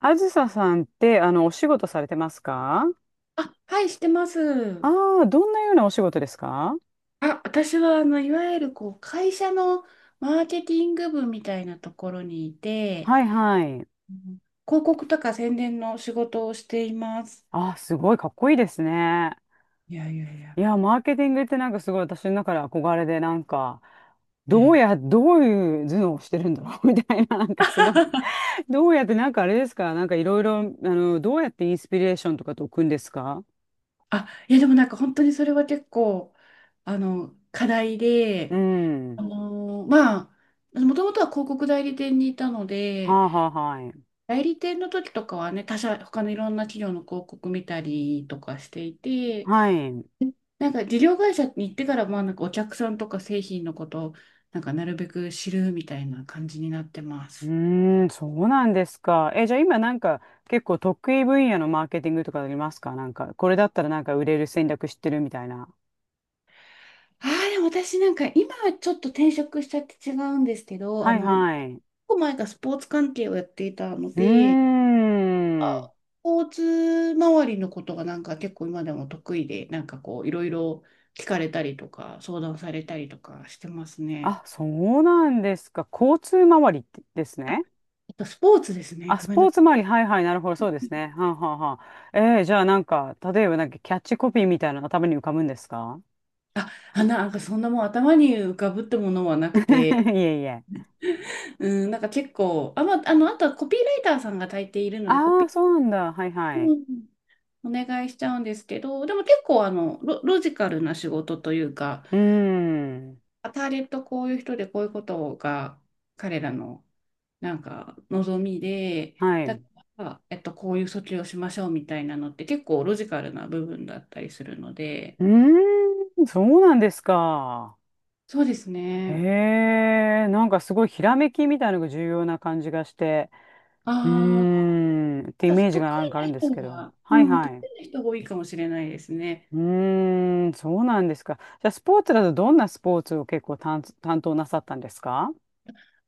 あずささんって、お仕事されてますか？あ、はい、してまあす。あー、どんなようなお仕事ですか？私はいわゆる、こう、会社のマーケティング部みたいなところにいて、はいはい。うん広告とか宣伝の仕事をしています。ああ、すごいかっこいいですね。いやいやいや。いや、マーケティングってなんかすごい私の中で憧れで、なんか、ええ どういう頭脳をしてるんだろう みたいな、なんかすごく どうやって、なんかあれですかなんかいろいろ、どうやってインスピレーションとかと置くんですか？でもなんか本当にそれは結構、課題うで、あん。のーまもともとは広告代理店にいたのはで、あはあはい。代理店の時とかはね、他のいろんな企業の広告見たりとかしていて、はい。なんか事業会社に行ってから、まあなんかお客さんとか製品のことをなんかなるべく知るみたいな感じになってまうす。ーん、そうなんですか。え、じゃあ今なんか結構得意分野のマーケティングとかありますか？なんか、これだったらなんか売れる戦略知ってるみたいな。でも私なんか今はちょっと転職しちゃって違うんですけど、はい結はい。う構前からスポーツ関係をやっていたのーで、ん。あスポーツ周りのことがなんか結構今でも得意で、なんかこういろいろ聞かれたりとか相談されたりとかしてますね。あ、そうなんですか。交通周りってですね。あとスポーツですね。あ、スごめんなポーさい。ツ周り。はいはい。なるほど。そうですね。はんはんはん。えーじゃあなんか、例えばなんかキャッチコピーみたいなの頭に浮かぶんですか？ なんかそんなもう頭に浮かぶってものはなくて、いえいえ。うん、なんか結構、あとはコピーライターさんが大抵いるので、コあピあ、そうなんだ。はいー、はい。ううん、お願いしちゃうんですけど、でも結構あのロジカルな仕事というか、ーん。ターゲットこういう人でこういうことが彼らのなんか望みで、はだい。から、えっと、こういう訴求をしましょうみたいなのって結構ロジカルな部分だったりするので、うーん、そうなんですか。そうですへね。え、なんかすごいひらめきみたいなのが重要な感じがして、うーああ、ん、ってイメージ得がなんかある意なんです人けど。は、はい得はい。意な人が多いかもしれないですね。うーん、そうなんですか。じゃあスポーツだとどんなスポーツを結構担当なさったんですか？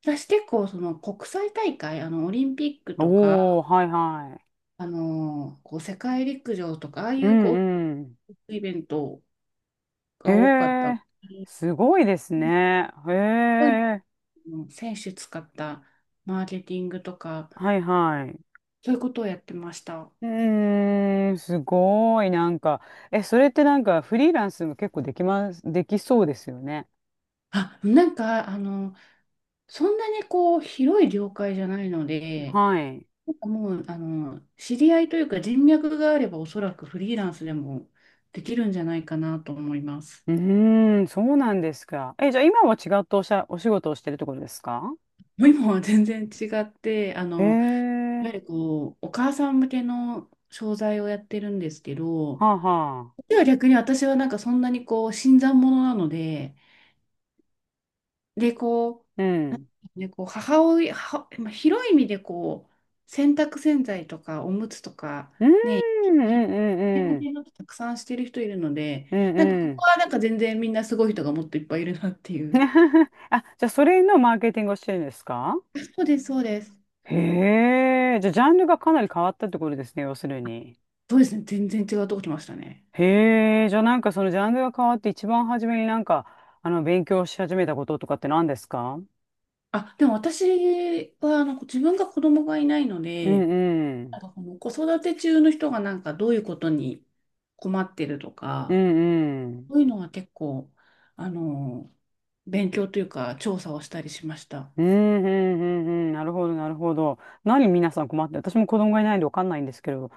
私結構その国際大会、あのオリンピックとか、おー、はいはあのこう世界陸上とか、ああい。いううこんうん。うイベントへが多かったのえ、で、すごいですね。へそういうえ、の選手使ったマーケティングとか、はいはい。そういうことをやってました。うーん、すごい、なんか、え、それってなんかフリーランスも結構できます、できそうですよね。あ、なんか、あの、そんなにこう、広い業界じゃないので、はい。なんかもう、あの、知り合いというか人脈があれば、おそらくフリーランスでもできるんじゃないかなと思います。うーん、そうなんですか。え、じゃあ今は違ったおしゃ、お仕事をしてるってことですか？もう今は全然違って、へいえ、わゆるこう、お母さん向けの商材をやってるんですけど、はあはあ。では逆に私はなんかそんなにこう、新参者なので、で、こうん。こう母親、まあ広い意味でこう、洗濯洗剤とかおむつとか、うーん、ね、うん、うん、う向ん、けのたくさんしてる人いるので、うんなんかうここん。はなんか全然みんなすごい人がもっといっぱいいるなっていう。あ、じゃあそれのマーケティングをしてるんですか？そうです、そうです。へえ、じゃあジャンルがかなり変わったってことですね、要するに。そうですね、全然違うとこ来ましたね。へえ、じゃあなんかそのジャンルが変わって一番初めになんか、勉強し始めたこととかって何ですか？でも私はあの自分が子供がいないのうで、んうなんん。かこの子育て中の人がなんかどういうことに困ってるとうか、んうん。そういうのは結構、あの、勉強というか調査をしたりしました。うんうんうんうん。なるほど、なるほど。何皆さん困って、私も子供がいないんでわかんないんですけど、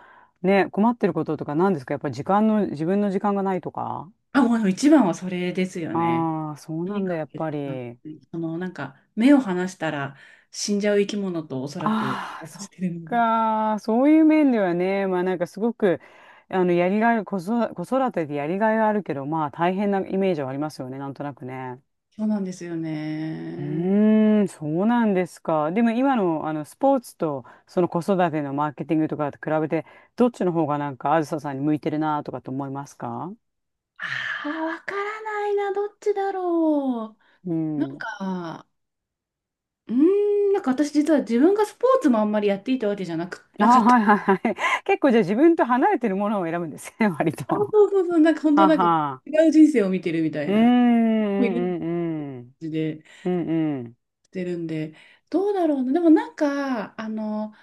ね、困ってることとか何ですか？やっぱり時間の、自分の時間がないとか。あ、もう一番はそれですよね。ああー、そうとなにんだ、かやっく、ぱり。そのなんか目を離したら死んじゃう生き物とおそらくああ、生活そしってるので。か。そういう面ではね、まあなんかすごく、やりがい、子育てでやりがいはあるけど、まあ大変なイメージはありますよね、なんとなくね。そうなんですようね。ーん、そうなんですか。でも今の、スポーツと、その子育てのマーケティングとかと比べて、どっちの方がなんか、あずささんに向いてるなとかと思いますか？ああ、わからないな、どっちだろうう。なんん。か、うーなんか私実は自分がスポーツもあんまりやっていたわけじゃなく、あなかあ、った。はいはいはい。結構じゃあ自分と離れてるものを選ぶんですね、割あ、と。そうそうそう、なんか 本当はなんかは。違う人生を見てるみたういーん、な、いる感うん、うん、うん。じでうんうんしてるんで、どうだろうな。でもなんか、あの、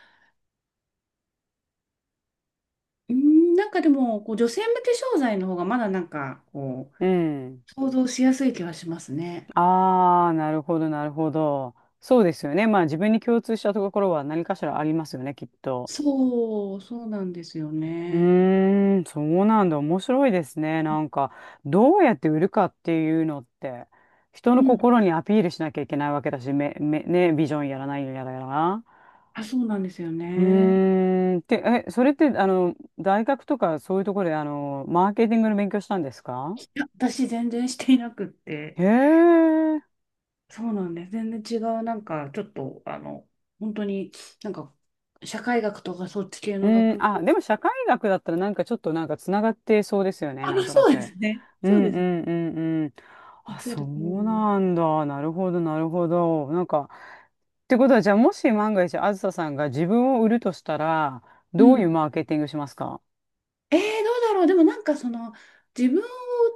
うーん、なんかでも、こう女性向け商材の方がまだなんか、こうん。う、想像しやすい気はしますね。ああ、なるほど、なるほど。そうですよね。まあ自分に共通したところは何かしらありますよね、きっと。そう、そうなんですようね。ーん、そうなんだ。面白いですね。なんか、どうやって売るかっていうのって、人うのん。心にアピールしなきゃいけないわけだし、ね、ビジョンやらないやらやら。あ、そうなんですようね。ーん、て、え、それって、大学とかそういうところで、マーケティングの勉強したんですか？いや、私全然していなくって。へえ。そうなんです。全然違う、なんか、ちょっと、あの、本当に、なんか、社会学とかそっち系うのん、学あ、部。でも社会学だったらなんかちょっとなんかつながってそうですよ ね、あ、なまんあ、となそうく。ですね。うそうんうでんす。うんうん。おっあ、しゃそる通うりです。なんだ。なるほど、なるほど。なんか、ってことは、じゃあもし万が一、あずささんが自分を売るとしたら、うどういん。うマーケティングしますか？えー、どうだろう。でもなんか、その、自分っ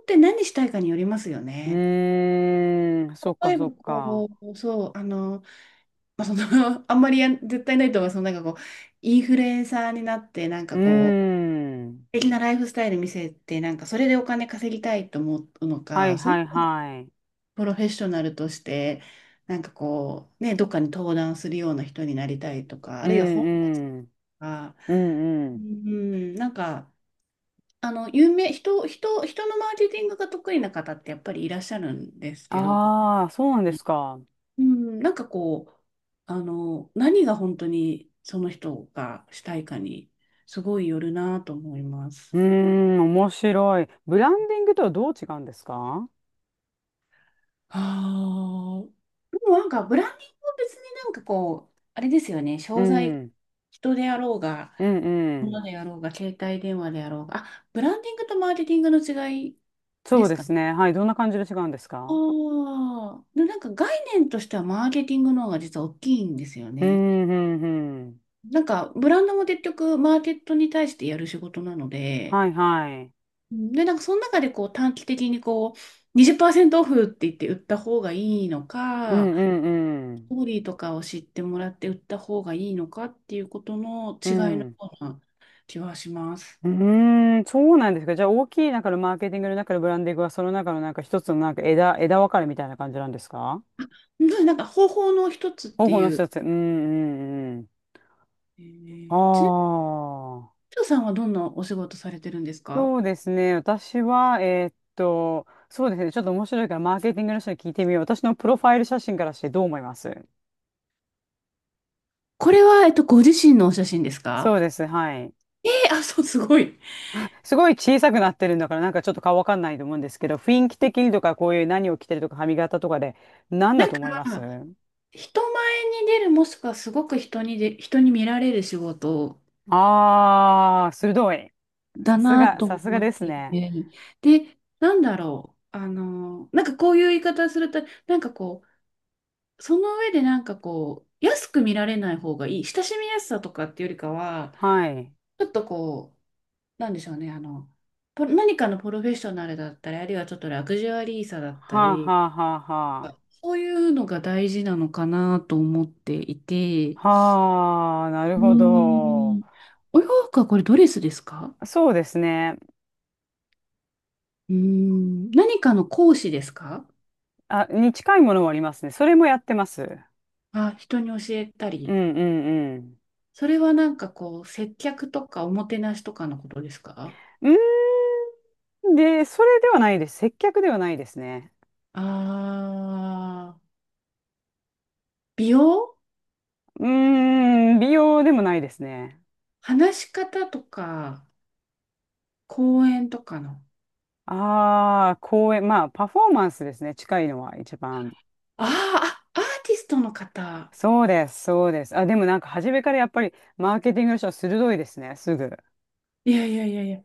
て何したいかによりますようね。ーん、そっ例かえそば、っか。こう、そう、あの、まあ、その あんまりやん絶対ないとは、インフルエンサーになって、なんうかーこう、素ん。敵なライフスタイル見せて、なんか、それでお金稼ぎたいと思うのはいか、それはいはい。プロフェッショナルとして、なんかこう、ね、どっかに登壇するような人になりたいとか、あうるいは本とんうん。か、うんううん。ん、なんか、あの、有名、人、人、人のマーケティングが得意な方ってやっぱりいらっしゃるんですけど、ああ、そうなんですか。うん、なんかこう、何が本当にその人がしたいかに、すごいよるなと思いまうす。ーん、面白い。ブランディングとはどう違うんですか？ああ、でもなんか、ブランディングは別になんかこう、あれですよね、う商材、ん、人であろうが、うん、うもん。のでやろうが、携帯電話でやろうが。あ、ブランディングとマーケティングの違いそでうすでかね。すね。はい。どんな感じで違うんですあか？あ、でなんか概念としてはマーケティングの方が実は大きいんですようね。ん、うん、うん。なんかブランドも結局マーケットに対してやる仕事なので、はい、はい。その中でこう短期的にこう20%オフって言って売った方がいいのうか、ん、うん、うスん。トーリーとかを知ってもらって売った方がいいのかっていうことのう違いのよん。うな気はします。うーん、そうなんですか。じゃあ、大きい中のマーケティングの中のブランディングは、その中のなんか一つのなんか枝分かれみたいな感じなんですか？方法の一つっ方て法のいう。一つ。うん、うん、うん。えー、ちなみにああ。ヒさんはどんなお仕事されてるんですか？そうですね。私は、そうですね。ちょっと面白いから、マーケティングの人に聞いてみよう。私のプロファイル写真からしてどう思います？これは、えっと、ご自身のお写真ですそか？うです。はい。え、あ、そう、すごい。すごい小さくなってるんだから、なんかちょっと顔わかんないと思うんですけど、雰囲気的にとか、こういう何を着てるとか、髪型とかで、何なだんとか、思います？人前に出る、もしくはすごく人に見られる仕事あー、鋭い。ださすなが、とさすが思っですていね。て、で、なんだろう、あの、なんかこういう言い方すると、なんかこその上でなんかこう、安く見られない方がいい、親しみやすさとかっていうよりかは、はい。ちょっとこう、なんでしょうね、あの、何かのプロフェッショナルだったり、あるいはちょっとラグジュアリーさだったはあ、り、はあ、はあ、はあ。そういうのが大事なのかなと思っていて、はあ、なるうーほど。ん、お洋服はこれドレスですか？そうですね。うーん、何かの講師ですか？あ、に近いものもありますね。それもやってます。あ、人に教えたうり。んうんうん。それはなんかこう、接客とかおもてなしとかのことですか？うーん。で、それではないです。接客ではないですね。あー、美容、うーん、美容でもないですね。話し方とか、講演とかの。ああ、公演、まあ、パフォーマンスですね。近いのは一番。あーあ、アーティストの方。そうです、そうです。あ、でもなんか初めからやっぱりマーケティングの人は鋭いですね、すぐ。いやいやいやいや。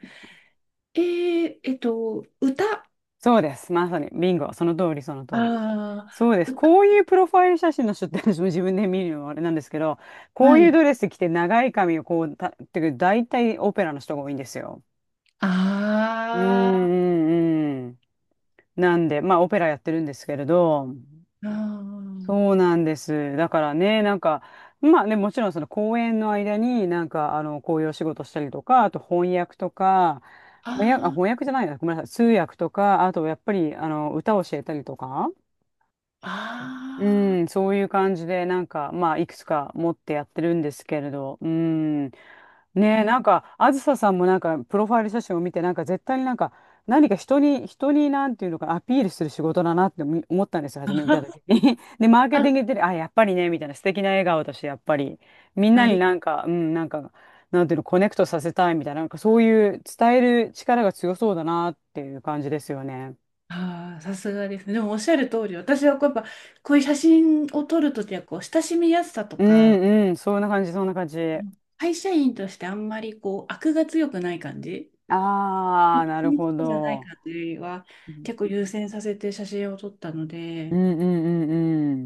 えー、えっと、歌。あそうです、まさに。ビンゴ、その通り、その通り。あそうです。歌。こういうプロファイル写真の人って私も自分で見るのもあれなんですけど、こはういうい。ドレス着て長い髪をこうた、っていうか大体オペラの人が多いんですよ。うんあうんうん。なんで、まあ、オペラやってるんですけれど、あそうなんです。だからね、なんか、まあね、もちろんその公演の間に、なんか、こういうお仕事したりとか、あと翻訳とか、あ翻訳、あ、ー、翻訳じゃないな、ごめんなさい、通訳とか、あとやっぱり、歌を教えたりとか。うあん、そういう感じで、なんか、まあ、いくつか持ってやってるんですけれど、うん。ー、ねえ、なね。んか、あずささんもなんか、プロファイル写真を見て、なんか、絶対になんか、何か人に、人に、なんていうのかな、アピールする仕事だなって思ったんですよ、初め見た時 に。で、マーケテあ、ィングってね、あ、やっぱりね、みたいな素敵な笑顔だし、やっぱり、みんなあにり、なんか、うん、なんか、なんていうの、コネクトさせたいみたいな、なんか、そういう伝える力が強そうだなっていう感じですよね。あー、さすがですね。でもおっしゃる通り、私はこうやっぱ、こういう写真を撮るときは、こう、親しみやすさとうか、ん、うん、そんな感じ、そんな感じ。会社員としてあんまりこう、悪が強くない感じ、ああ、一なる日ほじゃないど。感じよりは、うん結構優先させて写真を撮ったのうで、んう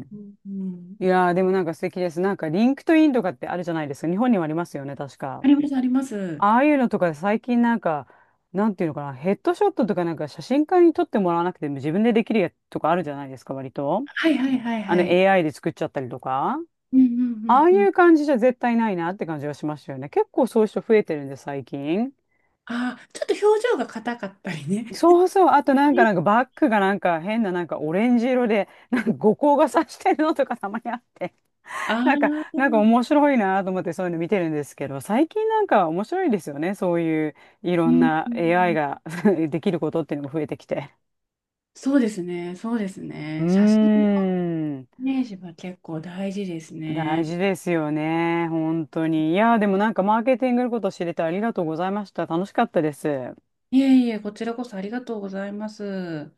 んうん。うん、うん。いやー、でもなんか素敵です。なんかリンクトインとかってあるじゃないですか。日本にもありますよね、確か。あります、あります。ああいうのとか最近なんか、なんていうのかな、ヘッドショットとかなんか写真家に撮ってもらわなくても自分でできるやつとかあるじゃないですか、割と。はいはいはいあの はい。AI で作っちゃったりとか。うんうあんあいうんうん。う感じじゃ絶対ないなって感じがしましたよね。結構そういう人増えてるんで、最近。ああ、ちょっと表情が硬かったりね。そうそう。あとなんか、なんか バッグがなんか変ななんかオレンジ色で、なんか五光がさしてるのとかたまにあって、あ なんか、なんあ、か面白いなと思ってそういうの見てるんですけど、最近なんか面白いですよね。そういういろうんんな う AI ん。が できることっていうのが増えてきて。そうですね、そうですうね。写真ーのん。イメージは結構大事です大ね。事ですよね。本当に。いや、でもなんかマーケティングのこと知れてありがとうございました。楽しかったです。いえいえ、こちらこそありがとうございます。